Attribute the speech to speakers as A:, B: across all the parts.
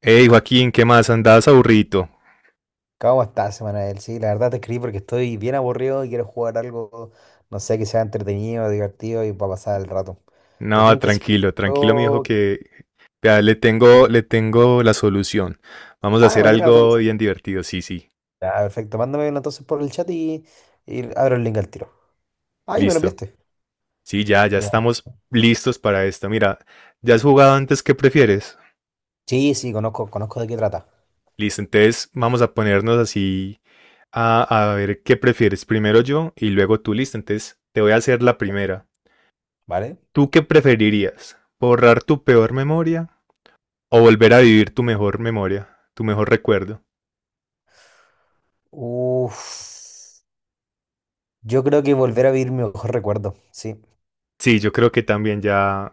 A: Hey Joaquín, ¿qué más? ¿Andabas aburrido?
B: ¿Cómo estás, Manuel? Sí, la verdad te escribí porque estoy bien aburrido y quiero jugar algo, no sé, que sea entretenido, divertido y para pasar el rato. ¿Te
A: No,
B: tinca si
A: tranquilo, tranquilo, mi hijo,
B: juego?
A: que vea, le tengo la solución. Vamos a
B: Ah,
A: hacer
B: me tiran la
A: algo
B: rato.
A: bien divertido. Sí, sí,
B: Ya, perfecto. Mándame uno entonces por el chat y abro el link al tiro. Ahí me lo
A: listo.
B: enviaste.
A: Sí, ya
B: Ya.
A: estamos listos para esto. Mira, ¿ya has jugado antes qué prefieres?
B: Sí, sí, conozco de qué trata.
A: Listo, entonces vamos a ponernos así a ver qué prefieres. Primero yo y luego tú, listo. Entonces te voy a hacer la primera.
B: ¿Vale?
A: ¿Tú qué preferirías? ¿Borrar tu peor memoria o volver a vivir tu mejor memoria, tu mejor recuerdo?
B: Uf. Yo creo que volver a vivir mi mejor recuerdo. Sí.
A: Sí, yo creo que también ya...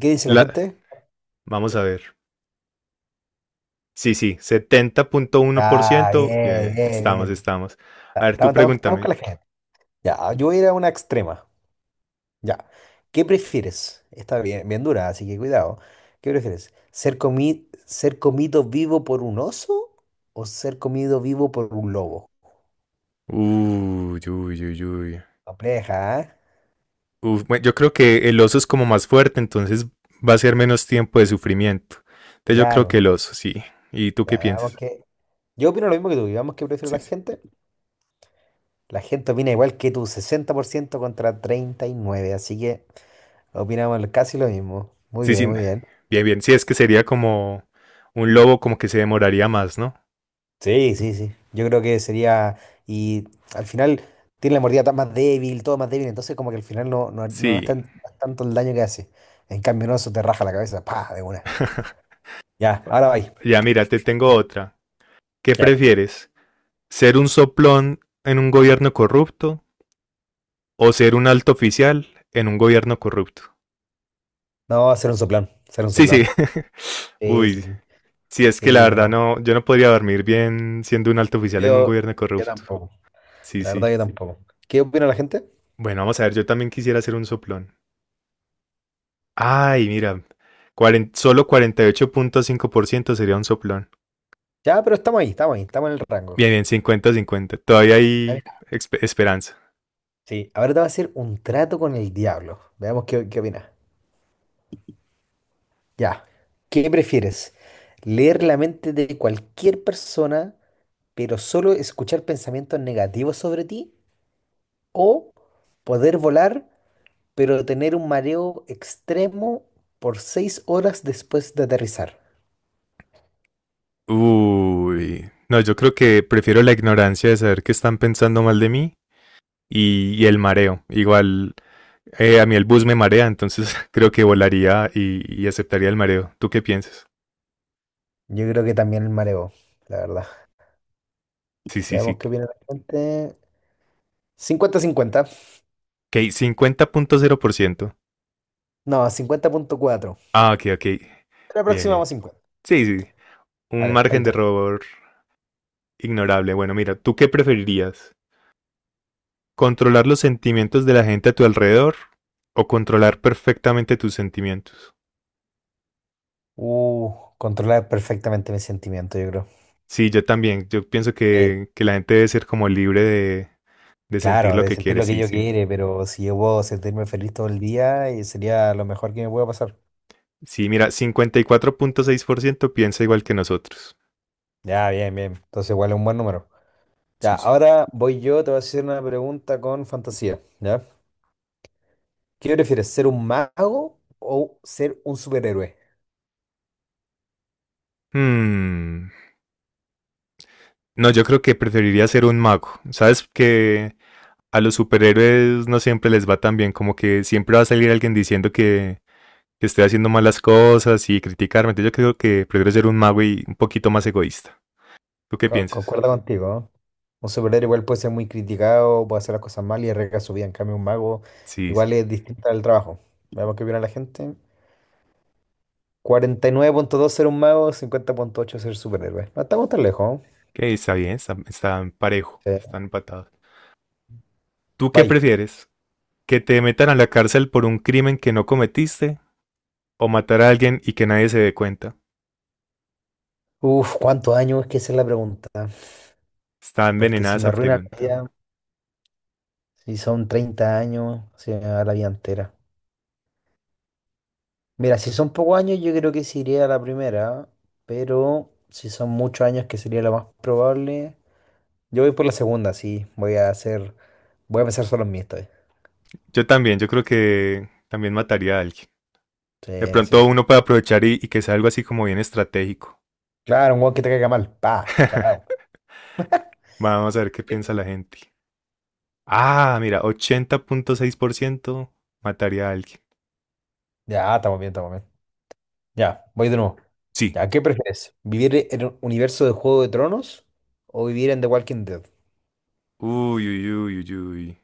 B: ¿Qué dice la
A: La...
B: gente?
A: Vamos a ver. Sí, sí,
B: Ah,
A: 70.1%,
B: bien, bien,
A: estamos,
B: bien.
A: estamos.
B: Ah,
A: A ver,
B: estamos,
A: tú
B: estamos, estamos con
A: pregúntame.
B: la gente. Ya, yo voy a ir a una extrema. Ya. ¿Qué prefieres? Está bien, bien dura, así que cuidado. ¿Qué prefieres? Ser comido vivo por un oso o ser comido vivo por un lobo?
A: Uy, uy, uy, uy.
B: Compleja, ¿eh?
A: Bueno, yo creo que el oso es como más fuerte, entonces va a ser menos tiempo de sufrimiento. Entonces yo creo que
B: Claro.
A: el oso, sí. ¿Y tú qué
B: Ya, veamos
A: piensas?
B: que... Yo opino lo mismo que tú. Y que prefiero
A: Sí,
B: la
A: sí.
B: gente. La gente opina igual que tú, 60% contra 39, así que opinamos casi lo mismo. Muy
A: Sí, sí.
B: bien, muy bien.
A: Bien, bien. Sí, es que sería como un lobo como que se demoraría más, ¿no?
B: Sí, sí, sí. Yo creo que sería. Y al final tiene la mordida tan más débil, todo más débil, entonces como que al final no, no,
A: Sí.
B: no es tanto el daño que hace. En cambio, no, eso te raja la cabeza, pa, de una. Ya, ahora vais.
A: Ya, mira, te tengo otra. ¿Qué
B: Ya.
A: prefieres? ¿Ser un soplón en un gobierno corrupto o ser un alto oficial en un gobierno corrupto?
B: No, hacer un soplón, hacer un
A: Sí, sí.
B: soplón. Sí, sí,
A: Uy,
B: sí.
A: sí, es que la
B: Sí,
A: verdad
B: no.
A: no, yo no podría dormir bien siendo un alto oficial en un
B: Yo,
A: gobierno
B: yo
A: corrupto.
B: tampoco.
A: Sí,
B: La verdad,
A: sí.
B: yo tampoco. ¿Qué opina la gente?
A: Bueno, vamos a ver, yo también quisiera ser un soplón. Ay, mira, solo 48.5% sería un soplón.
B: Ya, pero estamos ahí, estamos ahí, estamos en el rango.
A: Bien, bien, 50-50. Todavía
B: Ya,
A: hay
B: mira.
A: esperanza.
B: Sí, ahora te voy a hacer un trato con el diablo. Veamos qué opinas. Ya. ¿Qué prefieres? ¿Leer la mente de cualquier persona, pero solo escuchar pensamientos negativos sobre ti? ¿O poder volar, pero tener un mareo extremo por 6 horas después de aterrizar?
A: No, yo creo que prefiero la ignorancia de saber que están pensando mal de mí y el mareo. Igual a mí el bus me marea, entonces creo que volaría y aceptaría el mareo. ¿Tú qué piensas?
B: Yo creo que también el mareo, la verdad.
A: Sí, sí,
B: Veamos
A: sí.
B: qué opina la gente. 50-50.
A: Ok, 50.0%.
B: No, 50,4.
A: Ah, ok, ok.
B: La
A: Bien,
B: próxima
A: bien.
B: vamos a 50.
A: Sí, sí. Un
B: Dale, ahí
A: margen de
B: tú.
A: error ignorable. Bueno, mira, ¿tú qué preferirías? ¿Controlar los sentimientos de la gente a tu alrededor o controlar perfectamente tus sentimientos?
B: Controlar perfectamente mis sentimientos, yo creo.
A: Sí, yo también. Yo pienso
B: Sí.
A: que la gente debe ser como libre de sentir
B: Claro,
A: lo
B: de
A: que
B: sentir
A: quiere,
B: lo que
A: sí,
B: yo
A: sí.
B: quiere, pero si yo puedo sentirme feliz todo el día, sería lo mejor que me pueda pasar.
A: Sí, mira, 54.6% piensa igual que nosotros.
B: Ya, bien, bien. Entonces igual es un buen número. Ya,
A: Sí, sí.
B: ahora voy yo, te voy a hacer una pregunta con fantasía, ¿ya? ¿Qué prefieres, ser un mago o ser un superhéroe?
A: Hmm, no, yo creo que preferiría ser un mago. Sabes que a los superhéroes no siempre les va tan bien, como que siempre va a salir alguien diciendo que estoy haciendo malas cosas y criticarme. Entonces yo creo que prefiero ser un mago y un poquito más egoísta. ¿Tú qué piensas?
B: Concuerdo contigo, ¿no? Un superhéroe igual puede ser muy criticado, puede hacer las cosas mal y arriesga su vida. En cambio, un mago
A: Sí, sí.
B: igual es distinta al trabajo. Veamos qué opina la gente. 49,2 ser un mago, 50,8 ser superhéroe. No estamos tan lejos, ¿no?
A: Que está bien, están parejo,
B: Sí.
A: están empatados. ¿Tú qué
B: Bye.
A: prefieres? ¿Que te metan a la cárcel por un crimen que no cometiste o matar a alguien y que nadie se dé cuenta?
B: Uf, ¿cuántos años? Es que esa es la pregunta.
A: Está
B: Porque
A: envenenada
B: si me
A: esa
B: arruina la
A: pregunta.
B: vida, si son 30 años, se me va la vida entera. Mira, si son pocos años, yo creo que sí iría a la primera, pero si son muchos años, que sería lo más probable, yo voy por la segunda, sí. Voy a pensar solo en mí esta vez.
A: Yo también, yo creo que también mataría a alguien. De
B: Sí, sí,
A: pronto
B: sí.
A: uno puede aprovechar y que sea algo así como bien estratégico.
B: Claro, un weón que te caiga mal. Pa, chao.
A: Vamos a ver qué
B: ¿Qué?
A: piensa la gente. Ah, mira, 80.6% mataría a alguien.
B: Ya, estamos bien, estamos bien. Ya, voy de nuevo.
A: Sí.
B: Ya, ¿qué prefieres? ¿Vivir en un universo de Juego de Tronos o vivir en The Walking Dead?
A: Uy, uy, uy, uy, uy.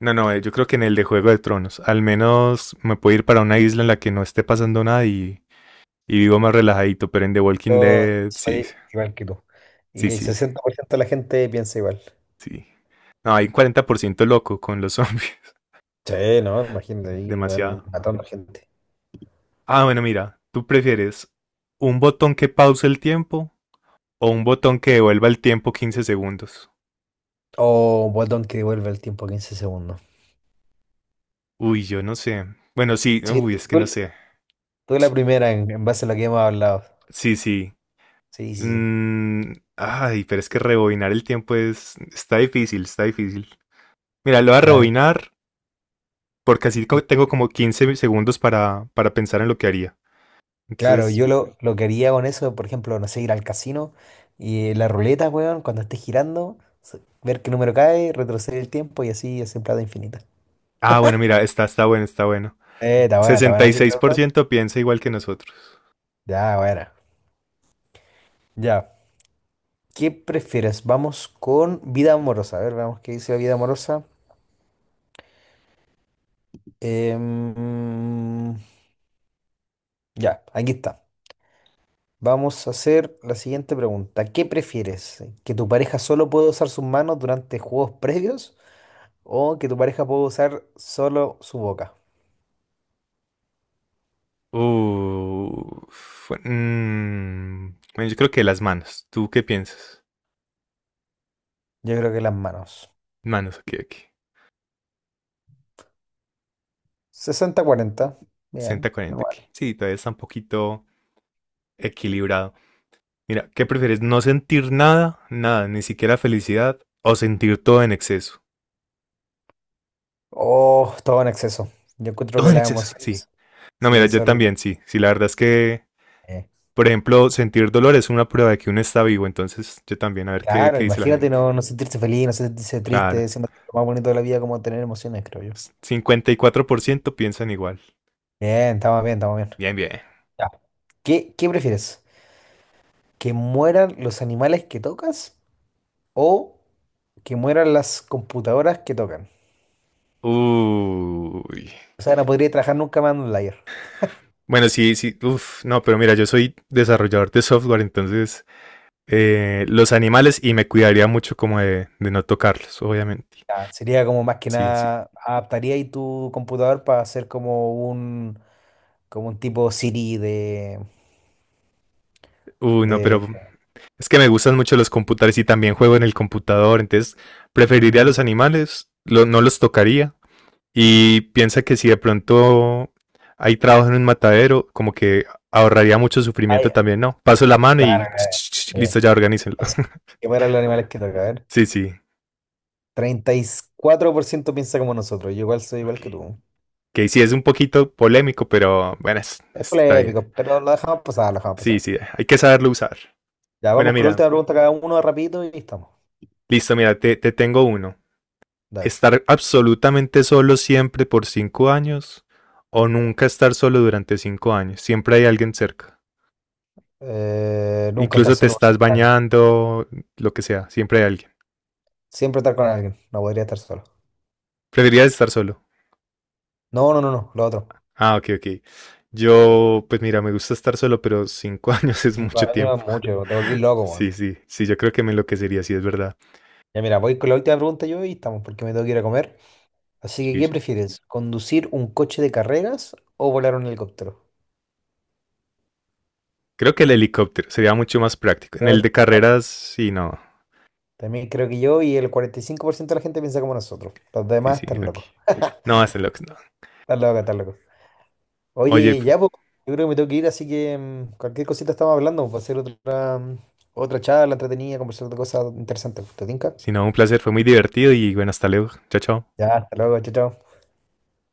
A: No, no, yo creo que en el de Juego de Tronos. Al menos me puedo ir para una isla en la que no esté pasando nada y vivo más relajadito. Pero en The Walking
B: Yo
A: Dead, sí,
B: soy igual que tú.
A: sí,
B: Y el
A: sí,
B: 60% de la gente piensa igual.
A: sí. No, hay un 40% loco con los zombies.
B: Sí, no, imagínate, ahí
A: Demasiado.
B: van matando gente.
A: Ah, bueno, mira, ¿tú prefieres un botón que pause el tiempo o un botón que devuelva el tiempo 15 segundos?
B: O un botón que devuelve el tiempo 15 segundos.
A: Yo no sé. Bueno, sí,
B: Sí,
A: es que no sé.
B: tú la primera en, base a lo que hemos hablado.
A: Sí, sí.
B: Sí, sí, sí.
A: Ay, pero es que rebobinar el tiempo es... está difícil, está difícil. Mira, lo voy a
B: Claro.
A: rebobinar porque así tengo como 15 segundos para pensar en lo que haría.
B: Claro,
A: Entonces,
B: yo lo que haría con eso, por ejemplo, no sé, ir al casino y la ruleta, weón, cuando esté girando, ver qué número cae, retroceder el tiempo y así es en plata infinita.
A: ah, bueno, mira, está, está bueno, está bueno.
B: Está buena,
A: sesenta y
B: ¿viste que
A: seis
B: me
A: por
B: gustó?
A: ciento piensa igual que nosotros.
B: Ya, buena. Ya. ¿Qué prefieres? Vamos con vida amorosa. A ver, veamos qué dice la vida amorosa. Em, ya, aquí está. Vamos a hacer la siguiente pregunta. ¿Qué prefieres? ¿Que tu pareja solo pueda usar sus manos durante juegos previos? ¿O que tu pareja pueda usar solo su boca?
A: Bueno, yo creo que las manos. ¿Tú qué piensas?
B: Yo creo que las manos.
A: Manos, ok, ok.
B: 60-40. Bien.
A: sesenta
B: No.
A: cuarenta aquí. Sí, todavía está un poquito equilibrado. Mira, ¿qué prefieres? ¿No sentir nada? Nada, ni siquiera felicidad. ¿O sentir todo en exceso?
B: Oh, todo en exceso. Yo encuentro
A: Todo
B: que
A: en
B: las
A: exceso, sí.
B: emociones.
A: No, mira,
B: Sí,
A: yo
B: son.
A: también, sí. Sí, la verdad es que,
B: eh,
A: por ejemplo, sentir dolor es una prueba de que uno está vivo. Entonces, yo también, a ver qué,
B: Claro,
A: qué dice la
B: imagínate
A: gente.
B: no sentirse feliz, no sentirse
A: Claro.
B: triste, siendo que lo más bonito de la vida como tener emociones, creo yo.
A: 54% piensan igual.
B: Bien, estamos bien, estamos bien.
A: Bien, bien.
B: Ya. ¿Qué prefieres? ¿Que mueran los animales que tocas o que mueran las computadoras que tocan?
A: Uy.
B: O sea, no podría trabajar nunca más en un layer.
A: Bueno, sí, sí, no, pero mira, yo soy desarrollador de software, entonces los animales y me cuidaría mucho como de no tocarlos, obviamente.
B: Ya, sería como más que
A: Sí, sí.
B: nada, adaptaría ahí tu computador para hacer como un, tipo Siri de,
A: No,
B: de...
A: pero es que me gustan mucho los computadores y también juego en el computador, entonces preferiría
B: Mm,
A: los animales, no los tocaría. Y piensa que si de pronto hay trabajo en un matadero, como que ahorraría mucho sufrimiento
B: ay,
A: también, ¿no? Paso la mano
B: claro,
A: y
B: claro.
A: listo,
B: Bien.
A: ya organícenlo.
B: Entonces, que mueran los animales que tocan, a ver.
A: Sí, sí.
B: 34% piensa como nosotros. Yo igual soy igual
A: Ok.
B: que tú.
A: Que sí es un poquito polémico, pero bueno,
B: Es
A: está bien.
B: polémico, pero lo dejamos pasar, lo dejamos
A: Sí,
B: pasar.
A: sí, hay que saberlo usar.
B: Ya
A: Bueno,
B: vamos con la
A: mira,
B: última pregunta cada uno rapidito y estamos.
A: listo, mira, te tengo uno.
B: Dale.
A: Estar absolutamente solo siempre por 5 años o nunca estar solo durante 5 años. Siempre hay alguien cerca.
B: Nunca estar
A: Incluso te
B: solo por
A: estás
B: 5 años.
A: bañando, lo que sea, siempre hay alguien.
B: Siempre estar con alguien. No podría estar solo.
A: Preferirías estar solo.
B: No, no, no, no. Lo otro.
A: Ah, ok, ok. Yo, pues mira, me gusta estar solo, pero cinco años es
B: Cinco
A: mucho
B: años
A: tiempo.
B: es mucho. Te volví loco, weón.
A: Sí, sí, sí, yo creo que me enloquecería, sí, es verdad.
B: Ya mira, voy con la última pregunta yo y estamos porque me tengo que ir a comer. Así que,
A: Sí,
B: ¿qué
A: sí.
B: prefieres? ¿Conducir un coche de carreras o volar un helicóptero?
A: Creo que el helicóptero sería mucho más práctico. En
B: Yo
A: el de
B: también
A: carreras, sí, no.
B: también creo que yo y el 45% de la gente piensa como nosotros. Los
A: Sí,
B: demás
A: sí,
B: están
A: aquí.
B: locos.
A: No, hasta luego. No.
B: Estás loco, estás loco.
A: Oye,
B: Oye,
A: pues,
B: ya, pues, yo creo que me tengo que ir, así que cualquier cosita estamos hablando, pues, va a ser otra, otra charla entretenida, conversar de cosas interesantes. ¿Te tinca?
A: si no, un placer, fue muy divertido y bueno, hasta luego. Chao, chao.
B: Ya, hasta luego, chao, chao.